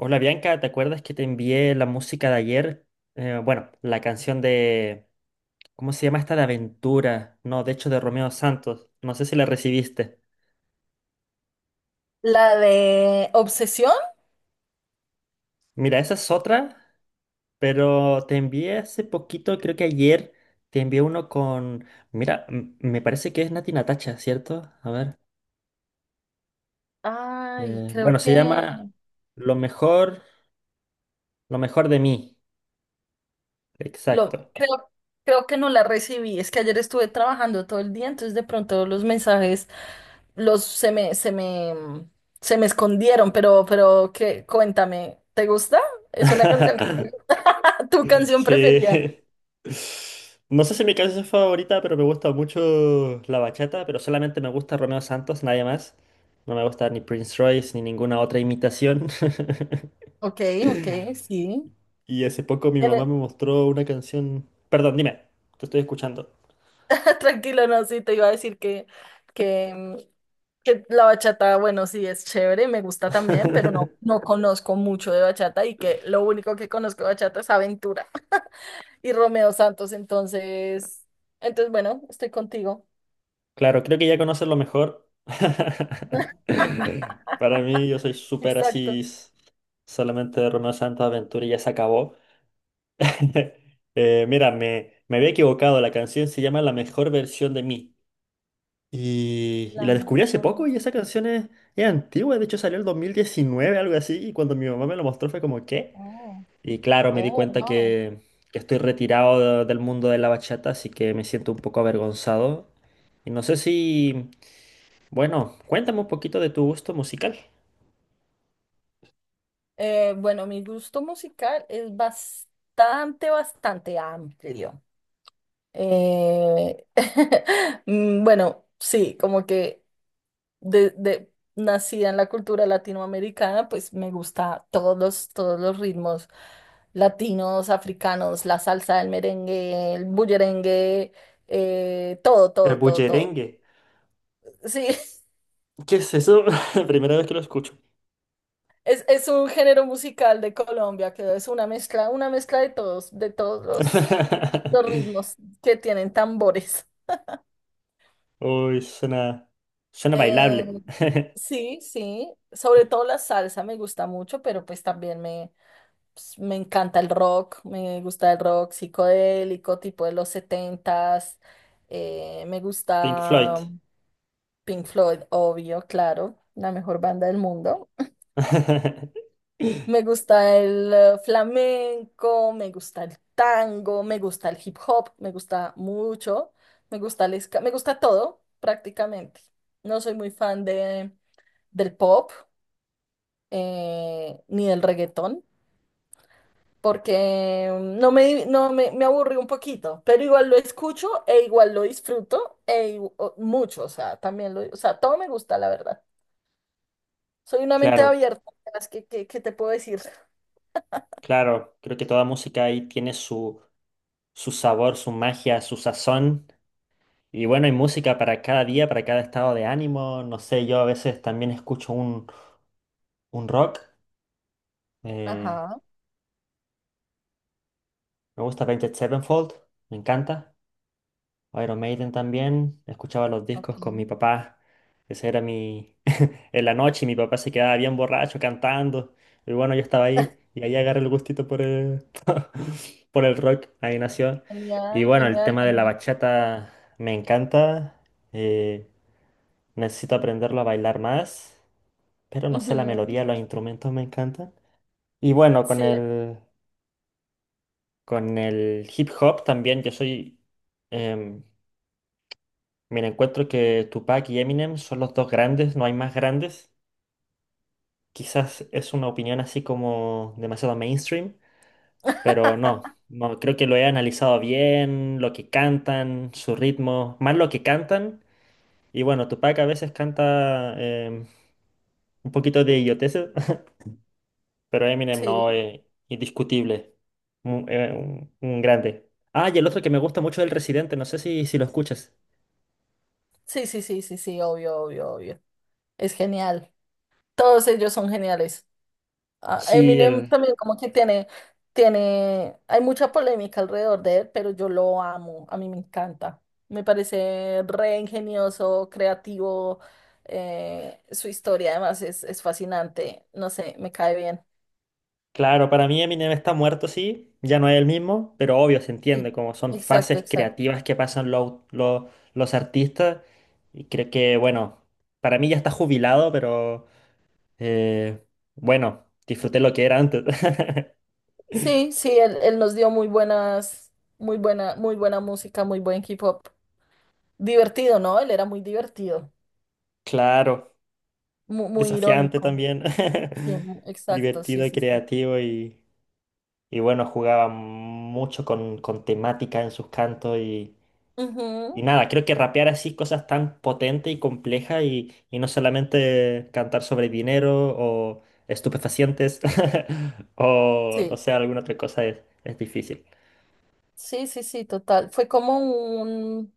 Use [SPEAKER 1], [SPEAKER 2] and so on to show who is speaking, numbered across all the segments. [SPEAKER 1] Hola Bianca, ¿te acuerdas que te envié la música de ayer? Bueno, la canción de... ¿Cómo se llama esta de Aventura? No, de hecho de Romeo Santos. No sé si la recibiste.
[SPEAKER 2] La de Obsesión.
[SPEAKER 1] Mira, esa es otra, pero te envié hace poquito, creo que ayer, te envié uno con... Mira, me parece que es Nati Natacha, ¿cierto? A ver.
[SPEAKER 2] Ay, creo
[SPEAKER 1] Bueno,
[SPEAKER 2] que
[SPEAKER 1] Se llama lo mejor, lo mejor de mí.
[SPEAKER 2] lo
[SPEAKER 1] Exacto.
[SPEAKER 2] creo, creo que no la recibí. Es que ayer estuve trabajando todo el día, entonces de pronto los mensajes los se me escondieron, pero que cuéntame, ¿te gusta? ¿Es una canción que te gusta? Tu canción
[SPEAKER 1] Sí.
[SPEAKER 2] preferida.
[SPEAKER 1] No sé si mi canción es favorita, pero me gusta mucho la bachata, pero solamente me gusta Romeo Santos, nadie más. No me gusta ni Prince Royce ni ninguna otra imitación.
[SPEAKER 2] Ok, ok, sí.
[SPEAKER 1] Y hace poco mi mamá me mostró una canción. Perdón, dime, te estoy escuchando.
[SPEAKER 2] Tranquilo, no, sí, te iba a decir que, mm, que la bachata, bueno, sí, es chévere, me gusta también, pero no, no conozco mucho de bachata y que lo único que conozco de bachata es Aventura y Romeo Santos, bueno, estoy contigo.
[SPEAKER 1] Claro, creo que ya conoces lo mejor. Para mí, yo soy súper así,
[SPEAKER 2] Exacto.
[SPEAKER 1] solamente de Romeo Santos Aventura y ya se acabó. Mira, me había equivocado. La canción se llama La mejor versión de mí. Y la
[SPEAKER 2] Lamer,
[SPEAKER 1] descubrí hace poco
[SPEAKER 2] Forbes.
[SPEAKER 1] y esa canción es antigua. De hecho, salió el 2019, algo así. Y cuando mi mamá me lo mostró fue como, ¿qué?
[SPEAKER 2] Oh.
[SPEAKER 1] Y claro, me di
[SPEAKER 2] Oh,
[SPEAKER 1] cuenta
[SPEAKER 2] wow.
[SPEAKER 1] que estoy retirado del mundo de la bachata, así que me siento un poco avergonzado. Y no sé si, bueno, cuéntame un poquito de tu gusto musical.
[SPEAKER 2] Bueno, mi gusto musical es bastante, bastante amplio. Eh, bueno, sí, como que... nacida en la cultura latinoamericana, pues me gusta todos los ritmos latinos, africanos, la salsa, el merengue, el bullerengue, todo,
[SPEAKER 1] El
[SPEAKER 2] todo, todo, todo.
[SPEAKER 1] bullerengue.
[SPEAKER 2] Sí,
[SPEAKER 1] ¿Qué es eso? Primera vez que lo escucho.
[SPEAKER 2] es un género musical de Colombia que es una mezcla de todos, los ritmos que tienen tambores.
[SPEAKER 1] Uy, suena
[SPEAKER 2] Eh,
[SPEAKER 1] bailable.
[SPEAKER 2] sí, sí, sobre todo la salsa me gusta mucho, pues, me encanta el rock, me gusta el rock psicodélico, tipo de los setentas. Me
[SPEAKER 1] Pink Floyd.
[SPEAKER 2] gusta Pink Floyd, obvio, claro, la mejor banda del mundo. Me gusta el flamenco, me gusta el tango, me gusta el hip hop, me gusta mucho, me gusta el ska, me gusta todo prácticamente. No soy muy fan del pop, ni del reggaetón. Porque no me, no me, me aburrí un poquito, pero igual lo escucho e igual lo disfruto mucho, o sea, también lo, o sea, todo me gusta, la verdad. Soy una mente
[SPEAKER 1] Claro,
[SPEAKER 2] abierta, ¿sabes? Qué te puedo decir?
[SPEAKER 1] claro. Creo que toda música ahí tiene su, su sabor, su magia, su sazón. Y bueno, hay música para cada día, para cada estado de ánimo. No sé, yo a veces también escucho un rock. Eh,
[SPEAKER 2] Ajá,
[SPEAKER 1] Me gusta Avenged Sevenfold, me encanta. Iron Maiden también. Escuchaba los
[SPEAKER 2] ok.
[SPEAKER 1] discos con mi papá. Ese era mi, en la noche y mi papá se quedaba bien borracho cantando. Y bueno, yo estaba ahí y ahí agarré el gustito por el, por el rock, ahí nació. Y
[SPEAKER 2] Genial,
[SPEAKER 1] bueno, el
[SPEAKER 2] genial,
[SPEAKER 1] tema de la
[SPEAKER 2] genial.
[SPEAKER 1] bachata me encanta. eh, Necesito aprenderlo a bailar más, pero no sé, la
[SPEAKER 2] Ujú.
[SPEAKER 1] melodía, los instrumentos me encantan. Y bueno,
[SPEAKER 2] Sí,
[SPEAKER 1] con el hip hop también, yo soy... em, Mira, encuentro que Tupac y Eminem son los dos grandes, no hay más grandes. Quizás es una opinión así como demasiado mainstream, pero no, no, creo que lo he analizado bien, lo que cantan, su ritmo, más lo que cantan. Y bueno, Tupac a veces canta un poquito de idioteces, pero Eminem no,
[SPEAKER 2] sí,
[SPEAKER 1] es indiscutible, un grande. Ah, y el otro que me gusta mucho es el Residente, no sé si, si lo escuchas.
[SPEAKER 2] sí, sí, sí, sí, sí, obvio, obvio, obvio. Es genial. Todos ellos son geniales. Ah,
[SPEAKER 1] Sí,
[SPEAKER 2] Eminem
[SPEAKER 1] el,
[SPEAKER 2] también como que tiene, hay mucha polémica alrededor de él, pero yo lo amo, a mí me encanta. Me parece re ingenioso, creativo, su historia además es fascinante, no sé, me cae bien.
[SPEAKER 1] claro, para mí Eminem está muerto, sí, ya no es el mismo, pero obvio se entiende,
[SPEAKER 2] Sí.
[SPEAKER 1] como son
[SPEAKER 2] Exacto,
[SPEAKER 1] fases
[SPEAKER 2] exacto.
[SPEAKER 1] creativas que pasan los artistas. Y creo que, bueno, para mí ya está jubilado, pero eh, bueno, disfruté lo que era antes.
[SPEAKER 2] Sí, sí, él nos dio muy buena música, muy buen hip hop. Divertido, ¿no? Él era muy divertido,
[SPEAKER 1] Claro,
[SPEAKER 2] muy,
[SPEAKER 1] desafiante
[SPEAKER 2] irónico.
[SPEAKER 1] también,
[SPEAKER 2] Sí, exacto, sí,
[SPEAKER 1] divertido y
[SPEAKER 2] sí, sí.
[SPEAKER 1] creativo y bueno, jugaba mucho con temática en sus cantos y
[SPEAKER 2] Ujú,
[SPEAKER 1] Y nada, creo que rapear así cosas tan potentes y complejas y no solamente cantar sobre dinero o estupefacientes o no
[SPEAKER 2] sí.
[SPEAKER 1] sé, alguna otra cosa es difícil.
[SPEAKER 2] Sí, sí, sí, total. Fue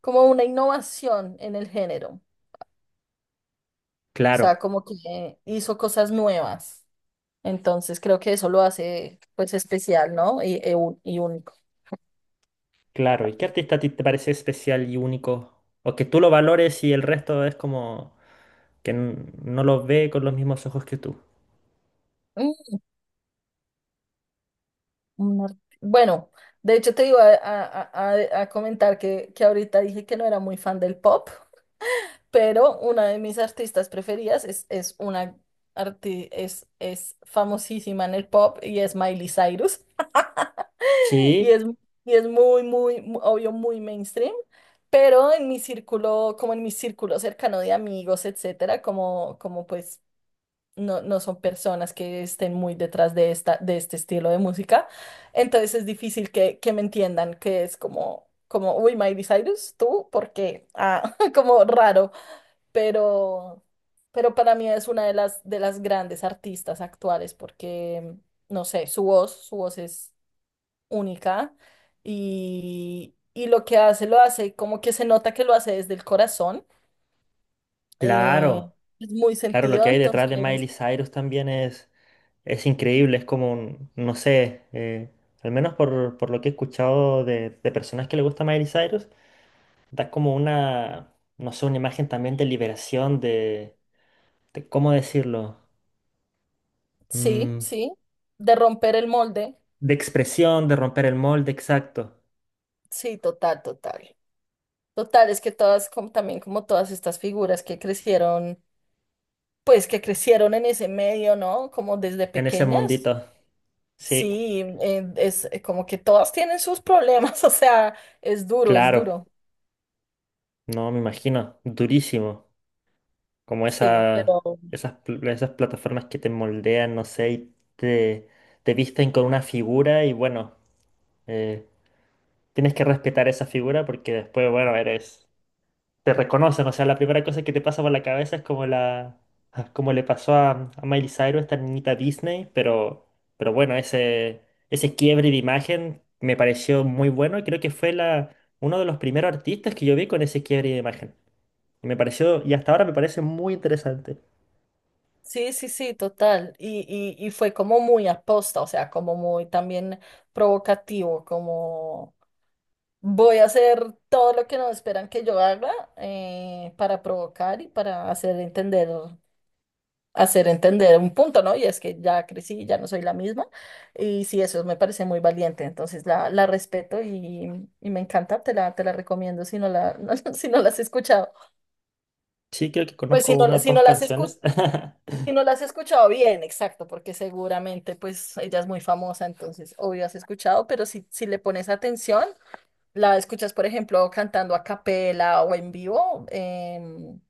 [SPEAKER 2] como una innovación en el género. O sea,
[SPEAKER 1] Claro,
[SPEAKER 2] como que hizo cosas nuevas. Entonces creo que eso lo hace pues especial, ¿no? Y, y único.
[SPEAKER 1] claro. ¿Y qué artista a ti te parece especial y único? O que tú lo valores y el resto es como que no lo ve con los mismos ojos que tú.
[SPEAKER 2] Mm, Bueno, de hecho te iba a- a comentar que ahorita dije que no era muy fan del pop, pero una de mis artistas preferidas es una es famosísima en el pop y es Miley Cyrus. Y
[SPEAKER 1] Sí,
[SPEAKER 2] es, y es muy, muy, obvio, muy mainstream, pero en mi círculo, como en mi círculo cercano de amigos, etcétera, como, como pues no, no son personas que estén muy detrás de esta, de este estilo de música, entonces es difícil que me entiendan que es como, como, uy, Miley Cyrus, tú, porque, ah, como raro, pero, pero para mí es una de las grandes artistas actuales porque, no sé, su voz es única y lo que hace lo hace como que se nota que lo hace desde el corazón. eh,
[SPEAKER 1] claro.
[SPEAKER 2] es muy
[SPEAKER 1] Claro, lo
[SPEAKER 2] sentido,
[SPEAKER 1] que hay detrás de
[SPEAKER 2] entonces
[SPEAKER 1] Miley Cyrus también es increíble, es como, no sé, al menos por lo que he escuchado de personas que le gusta Miley Cyrus, da como una, no sé, una imagen también de liberación, de ¿cómo decirlo?
[SPEAKER 2] sí,
[SPEAKER 1] Mm,
[SPEAKER 2] sí, de romper el molde.
[SPEAKER 1] de expresión, de romper el molde, exacto,
[SPEAKER 2] Sí, total, total. Total, es que todas, como, también como todas estas figuras que crecieron, pues que crecieron en ese medio, ¿no? Como desde
[SPEAKER 1] en ese
[SPEAKER 2] pequeñas.
[SPEAKER 1] mundito. Sí,
[SPEAKER 2] Sí, es como que todas tienen sus problemas, o sea, es duro, es
[SPEAKER 1] claro,
[SPEAKER 2] duro.
[SPEAKER 1] no me imagino, durísimo, como
[SPEAKER 2] Sí,
[SPEAKER 1] esa,
[SPEAKER 2] pero
[SPEAKER 1] esas, esas plataformas que te moldean, no sé, te visten con una figura y bueno. eh, Tienes que respetar esa figura porque después, bueno, eres, te reconocen. O sea, la primera cosa que te pasa por la cabeza es como la, ah, como le pasó a Miley Cyrus, esta niñita Disney, pero bueno, ese quiebre de imagen me pareció muy bueno y creo que fue la, uno de los primeros artistas que yo vi con ese quiebre de imagen. Y me pareció, y hasta ahora me parece muy interesante.
[SPEAKER 2] sí, sí, sí, total. Y fue como muy aposta, o sea, como muy también provocativo, como voy a hacer todo lo que no esperan que yo haga, para provocar y para hacer entender un punto, ¿no? Y es que ya crecí, ya no soy la misma. Y sí, eso me parece muy valiente. Entonces la respeto y me encanta, te la recomiendo si no si no la has escuchado.
[SPEAKER 1] Sí, creo que conozco unas
[SPEAKER 2] Si
[SPEAKER 1] dos
[SPEAKER 2] no la has escuchado
[SPEAKER 1] canciones.
[SPEAKER 2] Si no la has escuchado bien, exacto, porque seguramente pues ella es muy famosa, entonces obvio has escuchado, pero si, si le pones atención, la escuchas, por ejemplo, cantando a capela o en vivo,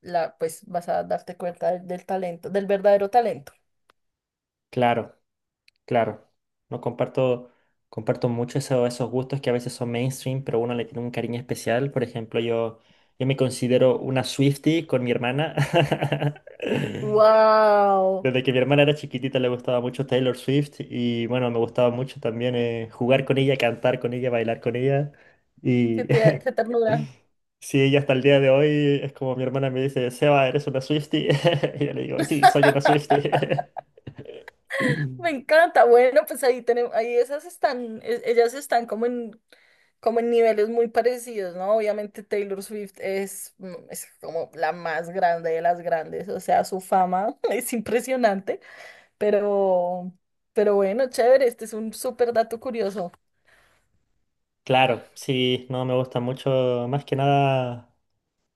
[SPEAKER 2] pues vas a darte cuenta del, del talento, del verdadero talento.
[SPEAKER 1] Claro. Claro, no comparto, comparto mucho esos gustos que a veces son mainstream, pero uno le tiene un cariño especial. Por ejemplo, yo me considero una Swiftie con mi hermana.
[SPEAKER 2] Wow.
[SPEAKER 1] Desde que mi hermana era chiquitita le gustaba mucho Taylor Swift y bueno, me gustaba mucho también jugar con ella, cantar con ella, bailar con ella.
[SPEAKER 2] ¡Qué,
[SPEAKER 1] Y
[SPEAKER 2] qué ternura!
[SPEAKER 1] sí, ella hasta el día de hoy es como mi hermana me dice, Seba, ¿eres una Swiftie? Y yo le digo, sí, soy una Swiftie.
[SPEAKER 2] Me encanta. Bueno, pues ahí tenemos, ahí esas están, ellas están como en, como en niveles muy parecidos, ¿no? Obviamente Taylor Swift es, es como la más grande de las grandes, o sea, su fama es impresionante, pero, pero bueno, chévere, este es un súper dato curioso.
[SPEAKER 1] Claro, sí, no me gusta mucho. Más que nada,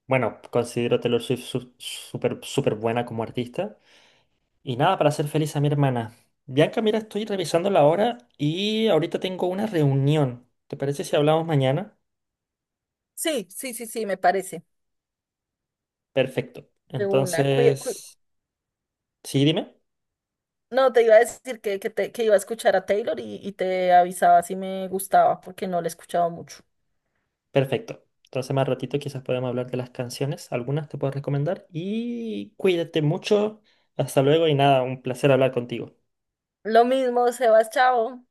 [SPEAKER 1] bueno, considero Taylor Swift súper súper buena como artista. Y nada, para hacer feliz a mi hermana. Bianca, mira, estoy revisando la hora y ahorita tengo una reunión. ¿Te parece si hablamos mañana?
[SPEAKER 2] Sí, sí, sí, sí, me parece.
[SPEAKER 1] Perfecto.
[SPEAKER 2] De una.
[SPEAKER 1] Entonces, sí, dime.
[SPEAKER 2] No, te iba a decir que iba a escuchar a Taylor y te avisaba si me gustaba, porque no la he escuchado mucho.
[SPEAKER 1] Perfecto. Entonces, más ratito quizás podemos hablar de las canciones. Algunas te puedo recomendar. Y cuídate mucho. Hasta luego y nada, un placer hablar contigo.
[SPEAKER 2] Lo mismo, Sebas, chao.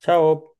[SPEAKER 1] Chao.